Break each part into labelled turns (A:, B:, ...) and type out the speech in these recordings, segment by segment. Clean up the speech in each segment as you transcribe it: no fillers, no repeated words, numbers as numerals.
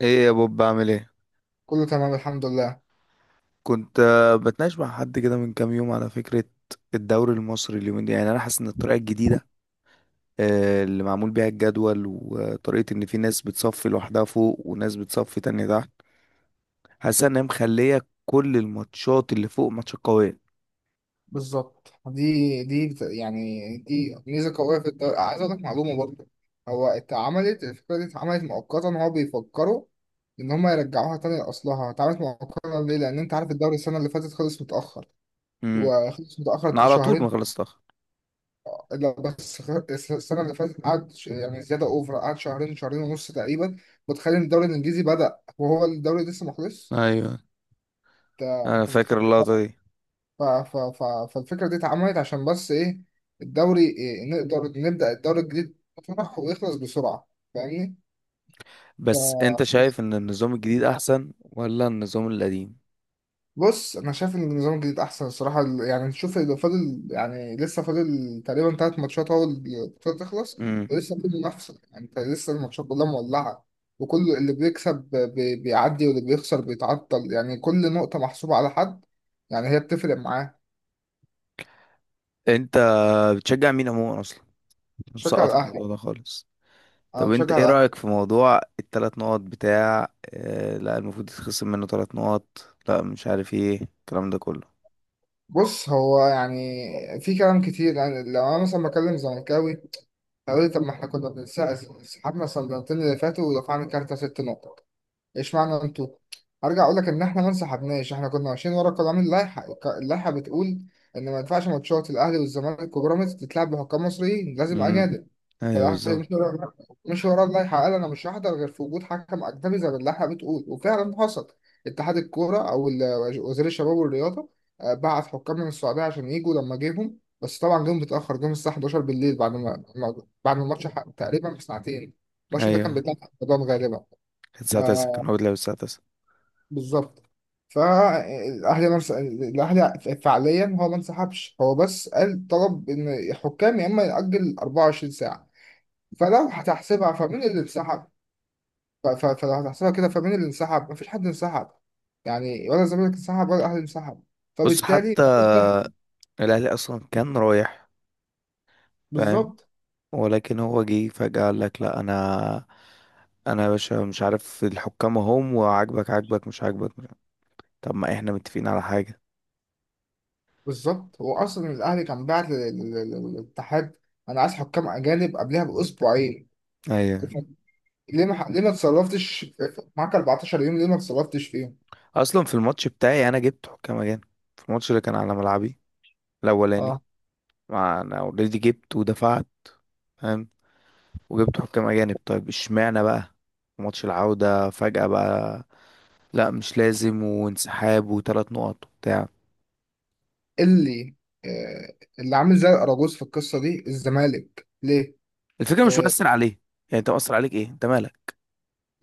A: ايه يا بوب بعمل ايه؟
B: كله تمام الحمد لله.
A: كنت بتناقش مع حد كده من كام يوم على فكرة. الدوري المصري اليومين دي، يعني انا حاسس ان الطريقة الجديدة اللي معمول بيها الجدول، وطريقة ان في ناس بتصفي لوحدها فوق وناس بتصفي تانية تحت، حاسس ان هي مخلية كل الماتشات اللي فوق ماتشات قوية.
B: بالظبط. يعني دي ميزه قويه في الدوري، عايز اقول لك معلومه برضه. هو اتعملت الفكره دي، اتعملت مؤقتا. هو بيفكروا ان هم يرجعوها تاني لاصلها. اتعملت مؤقتا ليه؟ لان انت عارف الدوري السنه اللي فاتت خلص متاخر،
A: امم
B: وخلص
A: انا
B: متاخر
A: على طول ما
B: شهرين.
A: خلصتها.
B: لا بس السنه اللي فاتت قعد يعني زياده اوفر، قعد شهرين، شهرين ونص تقريبا. وتخيل إن الدوري الانجليزي بدا وهو الدوري لسه مخلص.
A: ايوه،
B: انت
A: انا
B: انت
A: فاكر
B: متخيل.
A: اللقطة دي.
B: ف... ف... ف... فالفكرة دي اتعملت عشان بس إيه؟ الدوري إيه؟ نقدر نبدأ الدوري الجديد بفرح ويخلص بسرعة. فاهمني؟ ف...
A: بس انت شايف ان النظام الجديد احسن ولا النظام القديم؟
B: بص، أنا شايف إن النظام الجديد أحسن الصراحة. يعني نشوف، لو فاضل يعني لسه فاضل تقريبا تلات ماتشات أول البطولة تخلص.
A: امم
B: ولسه في منافسة، يعني أنت لسه الماتشات كلها مولعة. وكل اللي بيكسب بيعدي، واللي بيخسر بيتعطل. يعني كل نقطة محسوبة على حد، يعني هي بتفرق معاه.
A: انت بتشجع مين عموما اصلا؟
B: شجع
A: مسقط
B: الأهلي.
A: الموضوع ده خالص.
B: أنا
A: طب
B: مشجع
A: انت ايه
B: الأهلي.
A: رأيك في موضوع التلات نقط بتاع، اه لا المفروض يتخصم منه تلات نقط، لا مش عارف ايه الكلام ده كله.
B: بص، هو يعني في كلام كتير. يعني لو انا مثلا بكلم زملكاوي، هيقول لي طب ما احنا كنا بنسحب. سحبنا الصندلتين اللي فاتوا ودفعنا كارتة ست نقط. ايش معنى انتوا؟ ارجع اقول لك ان احنا ما انسحبناش، احنا كنا ماشيين ورا قوانين اللائحه. اللائحه بتقول ان ما ينفعش ماتشات الاهلي والزمالك وبيراميدز تتلعب بحكام مصريين، لازم
A: امم
B: اجانب.
A: ايوه
B: فالأهلي
A: بالظبط.
B: مش ورا، مش ورا اللائحة. قال أنا مش هحضر غير في وجود حكم أجنبي، زي ما اللائحة بتقول. وفعلا حصل. اتحاد الكورة أو وزير الشباب والرياضة، بعت حكام من السعودية عشان يجوا. لما جيهم، بس طبعا جم متأخر، جم الساعة 11 بالليل، بعد ما بعد ما الماتش تقريبا بساعتين. الماتش ده كان
A: ايوه.
B: بتاع رمضان غالبا.
A: كانت الساعة 9، كان
B: آه.
A: هو بيلعب الساعة 9.
B: بالظبط. فالأهلي الأهلي فعليا هو ما انسحبش. هو بس قال، طلب إن الحكام يا إما يأجل 24 ساعة. فلو هتحسبها فمين اللي انسحب؟ فلو هتحسبها كده فمين اللي انسحب؟ مفيش حد انسحب، يعني ولا الزمالك انسحب ولا الاهلي انسحب.
A: بص
B: فبالتالي
A: حتى
B: مفيش ضحك.
A: الاهلي اصلا كان رايح. فاهم؟
B: بالظبط.
A: ولكن هو جه فجأة قال لك لا، انا انا يا باشا مش عارف الحكام اهم، وعاجبك عاجبك، مش عاجبك مش عاجبك. طب ما احنا متفقين على حاجة.
B: بالظبط، هو اصلا الاهلي كان بعت للاتحاد، انا عايز حكام اجانب، قبلها باسبوعين.
A: ايوه.
B: ليه ما اتصرفتش؟ معاك 14 يوم، ليه ما اتصرفتش فيهم؟
A: اصلا في الماتش بتاعي انا جبت حكام اجانب، في الماتش اللي كان على ملعبي الاولاني.
B: اه.
A: ما انا اوريدي جبت ودفعت، فاهم، وجبت حكام اجانب. طيب اشمعنى بقى في ماتش العودة فجأة بقى لا مش لازم، وانسحاب وثلاث نقط وبتاع.
B: اللي آه، اللي عامل زي الاراجوز في القصه دي الزمالك ليه.
A: الفكرة مش
B: آه،
A: مؤثر عليه. يعني انت مؤثر عليك ايه؟ انت مالك؟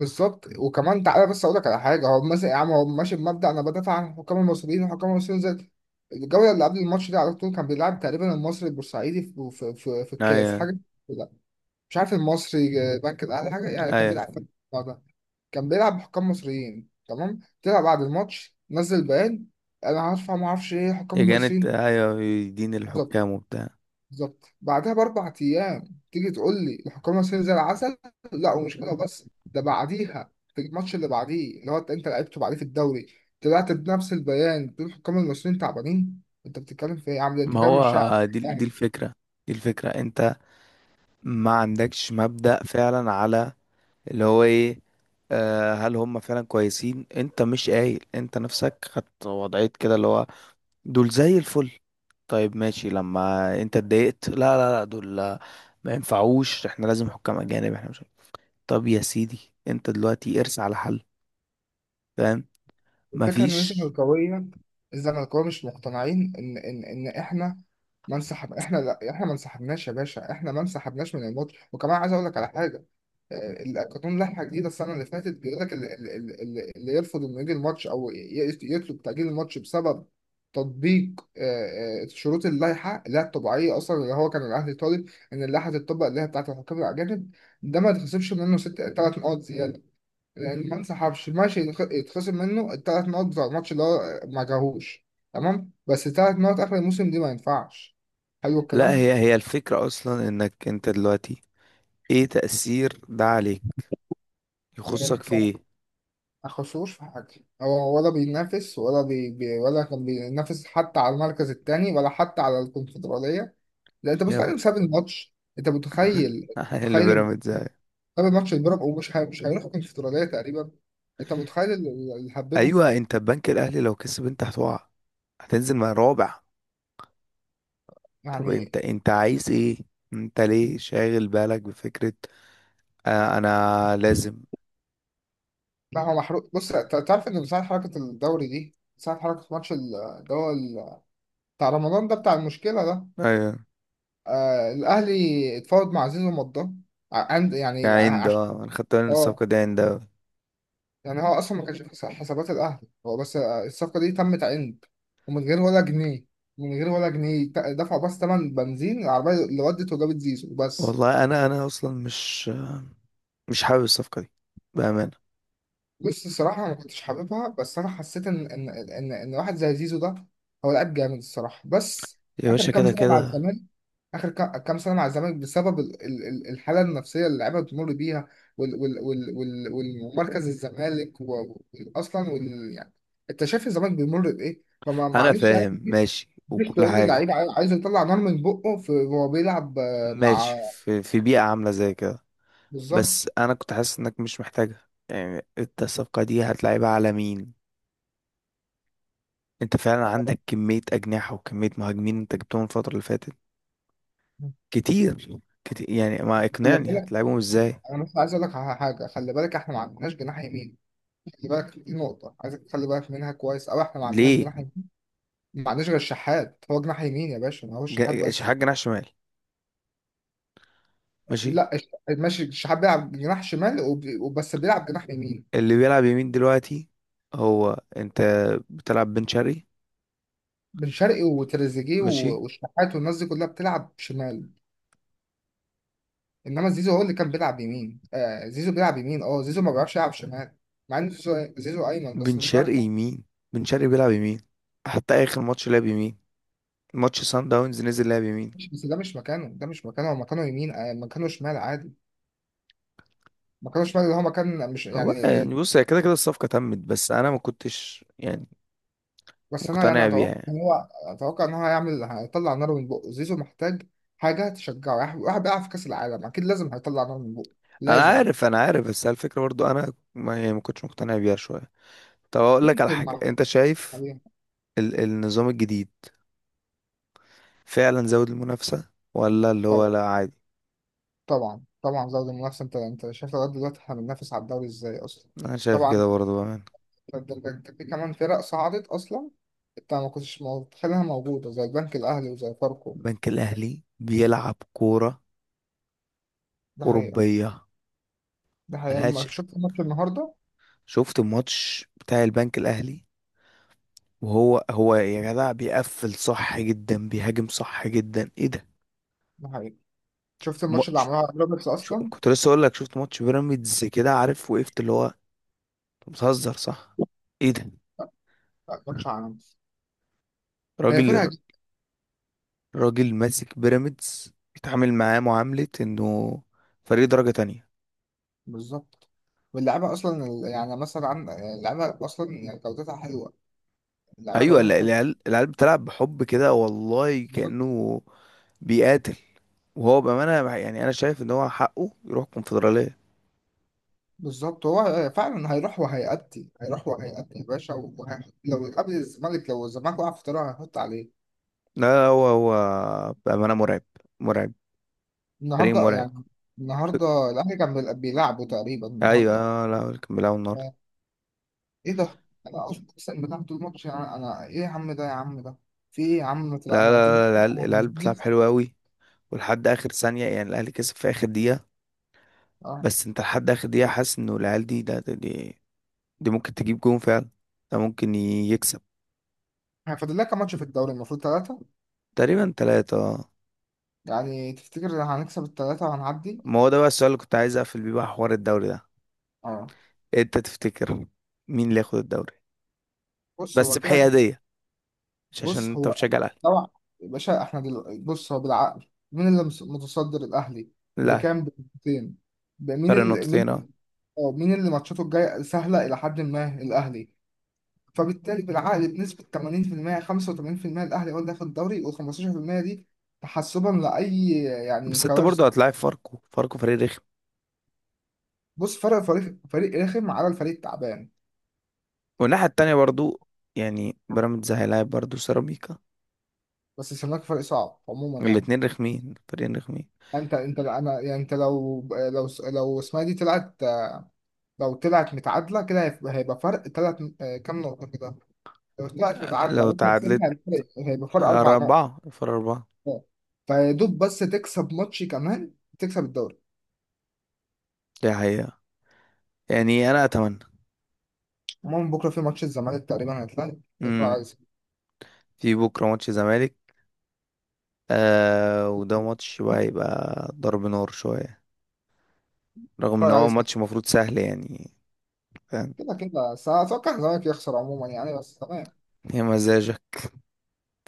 B: بالظبط. وكمان تعالى بس اقول لك على حاجه. هو مثلا يا عم، هو ماشي بمبدا انا بدافع عن الحكام المصريين، والحكام المصريين زي الجوله اللي قبل الماتش دي على طول كان بيلعب تقريبا، المصري البورسعيدي في الكاس
A: ايوه.
B: حاجه. لا، مش عارف، المصري بنك الاهلي، حاجه يعني، كان
A: ايوه
B: بيلعب في الموضوع ده. كان بيلعب بحكام مصريين تمام، طلع بعد الماتش نزل بيان، انا هرفع، ما اعرفش ايه، الحكام
A: يا جانت،
B: المصريين.
A: ايوه دين
B: بالظبط.
A: الحكام وبتاع.
B: بالظبط، بعدها ب4 ايام تيجي تقول لي الحكام ماشيين زي العسل؟ لا، ومش كده بس. ده بعديها في الماتش اللي بعديه، اللي هو انت لعبته بعديه في الدوري، طلعت بنفس البيان بتقول الحكام المصريين تعبانين. انت بتتكلم في ايه يا عم ده؟ انت
A: ما
B: كده مش شاعر.
A: هو دي الفكرة. دي الفكرة. انت ما عندكش مبدأ فعلا على اللي هو ايه، هل هم فعلا كويسين. انت مش قايل انت نفسك خدت وضعية كده اللي هو دول زي الفل؟ طيب ماشي، لما انت اتضايقت لا لا لا دول ما ينفعوش، احنا لازم حكام اجانب، احنا مش عارف. طب يا سيدي انت دلوقتي ارس على حل، فاهم؟
B: الفكرة إن
A: مفيش.
B: الزملكاوية، الزملكاوية مش مقتنعين إن إحنا ما انسحب. إحنا لا، إحنا ما انسحبناش يا باشا، إحنا ما انسحبناش من الماتش. وكمان عايز أقول لك على حاجة. القانون، لائحة جديدة السنة اللي فاتت، بيقول لك اللي يرفض إنه يجي الماتش أو يطلب تأجيل الماتش بسبب تطبيق شروط اللائحة اللي هي الطبيعية أصلا، اللي هو كان الأهلي طالب إن اللائحة تتطبق اللي هي بتاعة الحكام الأجانب، ده ما يتخصمش منه ست تلات نقط زيادة. لان ما انسحبش ماشي، يتخصم منه الثلاث نقط بتاع الماتش اللي هو ما جاهوش، تمام. بس الثلاث نقط اخر الموسم دي ما ينفعش. حلو
A: لا،
B: الكلام.
A: هي هي الفكرة اصلا انك انت دلوقتي ايه تأثير ده عليك؟ يخصك في ايه؟
B: ما خسروش في حاجه. هو ولا بينافس ولا بي بي ولا كان بينافس حتى على المركز الثاني، ولا حتى على الكونفدراليه. لا، انت
A: يا ب...
B: بتخيل بسبب الماتش؟ انت متخيل،
A: اللي
B: متخيل إن
A: بيراميدز يعني.
B: بسبب الماتش البيراميدز مش هيروح الكونفدراليه تقريبا؟ انت متخيل اللي هببه
A: ايوه، انت البنك الاهلي لو كسب انت هتقع، هتنزل مع رابع. طب
B: يعني.
A: انت انت عايز ايه؟ انت ليه شاغل بالك بفكرة آه انا لازم؟
B: لا، هو محروق. بص، تعرف ان من ساعة حركة الدوري دي، من ساعة حركة ماتش بتاع رمضان ده، بتاع المشكلة ده،
A: ايوه.
B: آه الأهلي اتفاوض مع زيزو ومضاه، عند، يعني،
A: كعند، اه انا خدت بالي ان
B: اه.
A: الصفقه دي عند أوي.
B: يعني هو أصلا ما كانش في حسابات الأهلي. هو بس الصفقة دي تمت عند، ومن غير ولا جنيه، من غير ولا جنيه، دفعوا بس تمن بنزين العربية اللي ودت وجابت زيزو بس.
A: والله انا اصلا مش مش حابب الصفقه دي، بامانه.
B: بص الصراحة أنا ما كنتش حاببها، بس أنا حسيت إن واحد زي زيزو ده هو لعيب جامد الصراحة. بس
A: يا
B: آخر
A: باشا
B: كام
A: كده
B: سنة مع
A: كده.
B: الزمالك، آخر كام سنة مع الزمالك بسبب الحالة النفسية اللي اللعيبة بتمر بيها، والمركز، الزمالك وأصلا، وال، يعني. أنت شايف الزمالك بيمر بإيه؟ فما،
A: انا
B: معلش، يعني
A: فاهم
B: مش
A: ماشي
B: مش
A: وكل
B: تقول لي
A: حاجه،
B: اللعيب عايز يطلع نار من بقه في وهو بيلعب مع.
A: ماشي، في في بيئه عامله زي كده.
B: بالظبط.
A: بس انا كنت حاسس انك مش محتاجها. يعني انت الصفقه دي هتلعبها على مين؟ انت فعلا عندك كميه اجنحه وكميه مهاجمين انت جبتهم الفتره اللي فاتت كتير كتير، يعني ما
B: خلي
A: اقنعني
B: بالك.
A: هتلعبهم ازاي.
B: أنا مثلا عايز أقول لك على حاجة، خلي بالك إحنا ما عندناش جناح يمين. خلي بالك، دي نقطة عايزك تخلي بالك منها كويس أوي، إحنا ما عندناش
A: ليه؟
B: جناح يمين. ما عندناش غير الشحات هو جناح يمين يا باشا، ما هو الشحات بس.
A: شحات جناح شمال؟ ماشي.
B: لا ماشي، الشحات بيلعب جناح شمال وبس بيلعب جناح يمين.
A: اللي بيلعب يمين دلوقتي هو انت بتلعب بن شرقي.
B: بن شرقي وتريزيجيه
A: ماشي.
B: والشحات والناس دي كلها بتلعب شمال. إنما زيزو هو اللي كان بيلعب يمين، آه زيزو بيلعب يمين، أه زيزو ما بيعرفش يلعب شمال. مع إن زيزو، زيزو أيمن،
A: بن
B: بس مش
A: شرقي
B: بيعرف
A: يمين، بن شرقي بيلعب يمين، حتى اخر ماتش لعب يمين، ماتش سان داونز نزل لعب يمين.
B: بس ده مش مكانه، ده مش مكانه، هو مكانه يمين، آه مكانه شمال عادي، مكانه شمال اللي هو مكان، مش
A: والله
B: يعني.
A: يعني بص، هي كده كده الصفقة تمت، بس انا ما كنتش يعني
B: بس انا يعني
A: مقتنع بيها
B: اتوقع
A: يعني.
B: ان هو، اتوقع ان هو هيعمل، هيطلع نار من بقه. زيزو محتاج حاجه تشجعه، يعني واحد واحد بيلعب في كاس العالم، اكيد لازم هيطلع نار من بقه،
A: انا
B: لازم.
A: عارف انا عارف، بس على الفكرة برضو انا ما يعني ما كنتش مقتنع بيها شوية. طب اقول لك على
B: يمكن
A: حاجة،
B: مع
A: انت شايف
B: عليها.
A: ال النظام الجديد فعلا زود المنافسة ولا اللي هو
B: طبعا.
A: لا عادي؟
B: طبعا، طبعا زود المنافسه. انت شايف لغايه دلوقتي احنا بننافس على الدوري ازاي اصلا.
A: انا شايف
B: طبعا.
A: كده برضو بأمانة.
B: ده في كمان فرق صعدت اصلا، انت ما كنتش متخيلها موجوده زي البنك الاهلي وزي فاركو.
A: البنك الاهلي بيلعب كوره
B: ده حقيقه.
A: اوروبيه
B: ده حقيقه، لما
A: ملهاش.
B: شفت الماتش النهارده،
A: شفت الماتش بتاع البنك الاهلي؟ وهو هو يا جدع بيقفل صح جدا، بيهاجم صح جدا، ايه ده؟
B: ده حقيقه. شفت الماتش اللي
A: ماتش،
B: عملوها على روبرتس اصلا؟
A: كنت لسه اقول لك، شفت ماتش بيراميدز كده، عارف، وقفت اللي هو أنت بتهزر صح، ايه ده؟
B: لا، ماتش عالمي. هي
A: راجل،
B: فرقه.
A: راجل ماسك بيراميدز بيتعامل معاه معاملة انه فريق درجة تانية.
B: بالظبط. واللعيبه اصلا يعني مثلا اللعيبه اصلا يعني جودتها حلوه، اللعيبه
A: ايوه، ال
B: جودتها حلوه.
A: العيال العيال بتلعب بحب كده والله
B: بالظبط.
A: كأنه بيقاتل. يعني أنا شايف إن هو حقه يروح الكونفدرالية.
B: بالظبط، هو فعلا هيروح وهيأدي، هيروح وهيأدي يا باشا، وهيحط لو قبل الزمالك، لو الزمالك وقع في طريقه هيحط عليه.
A: لا لا، هو هو بأمانة مرعب، مرعب، فريق
B: النهارده
A: مرعب.
B: يعني، النهارده الاهلي كان بيلعبه تقريبا
A: أيوة،
B: النهارده.
A: لا كان بيلعبوا النهاردة.
B: آه، ايه ده؟ انا اقسم بالله، طول الماتش يعني انا ايه يا عم ده، يا عم ده؟ في ايه يا عم؟
A: لا
B: لا، انا هتيجي.
A: لا لا لا، العيال
B: أنا
A: العيال بتلعب
B: هتيجي-
A: حلو أوي، ولحد آخر ثانية، يعني الأهلي كسب في آخر دقيقة،
B: اه.
A: بس أنت لحد آخر دقيقة حاسس إنه العيال دي دي ممكن تجيب جون فعلا، ده ممكن يكسب.
B: فاضل لك كام ماتش في الدوري؟ المفروض ثلاثه.
A: تقريبا تلاتة آه.
B: يعني تفتكر هنكسب التلاتة وهنعدي؟
A: ما هو ده بقى السؤال اللي كنت عايز أقفل بيه بقى حوار الدوري ده.
B: اه.
A: أنت تفتكر مين اللي ياخد الدوري؟
B: بص
A: بس
B: هو كده
A: بحيادية، مش عشان
B: بص
A: انت
B: هو،
A: بتشجع الاهلي.
B: طبعا. يا باشا احنا بص هو بالعقل، مين اللي متصدر؟ الأهلي.
A: لا،
B: بكام؟ بنقطتين. مين
A: فرق
B: اللي
A: نقطتين اه.
B: مين. اه، مين اللي ماتشاته الجاية سهلة إلى حد ما؟ الأهلي. فبالتالي بالعقل بنسبة 80% 85% الأهلي هو اللي هياخد الدوري، و15% دي تحسبا لأي يعني
A: بس انت
B: كوارث.
A: برضو هتلاعب فاركو، فاركو فريق رخم،
B: بص فرق، فريق، فريق رخم على الفريق التعبان،
A: والناحية التانية برضو يعني بيراميدز هيلاعب برضو سيراميكا،
B: بس الزمالك فريق صعب عموما يعني.
A: الاتنين رخمين، فريقين رخمين.
B: انت انا يعني، انت لو لو اسمها دي طلعت، لو طلعت متعادله كده هيبقى هيبقى فرق ثلاث، كام نقطه كده. لو طلعت متعادله
A: لو
B: واحنا
A: تعادلت؟
B: كسبنا، هيبقى، هيبقى فرق اربع نقط.
A: أربعة، فرق أربعة.
B: فيدوب بس تكسب ماتش كمان تكسب الدوري.
A: دي حقيقة. يعني أنا أتمنى.
B: المهم بكره في ماتش الزمالك تقريبا هيتلعب، نتفرج
A: مم.
B: عليه سوا.
A: في بكرة ماتش زمالك، آه وده ماتش بقى هيبقى ضرب نار شوية، رغم إن
B: نتفرج
A: هو
B: عليه سوا.
A: ماتش المفروض سهل يعني. فاهم؟
B: كده كده، بس أنا اتوقع الزمالك يخسر عموما، يعني بس تمام.
A: هي مزاجك،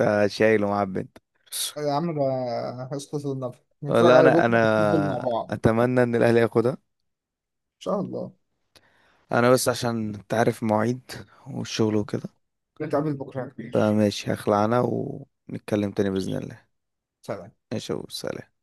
A: أنت شايل ومعبي أنت.
B: يا عم ده، اسكت النبي. نتفرج
A: والله
B: عليه
A: انا
B: بكره،
A: انا
B: نتفرج مع بعض ان
A: اتمنى ان الاهلي ياخدها.
B: شاء الله.
A: انا بس عشان انت عارف مواعيد والشغل وكده،
B: نتقابل بكره يا كبير.
A: فماشي هخلع انا، ونتكلم تاني باذن الله.
B: سلام.
A: ماشي وسلام.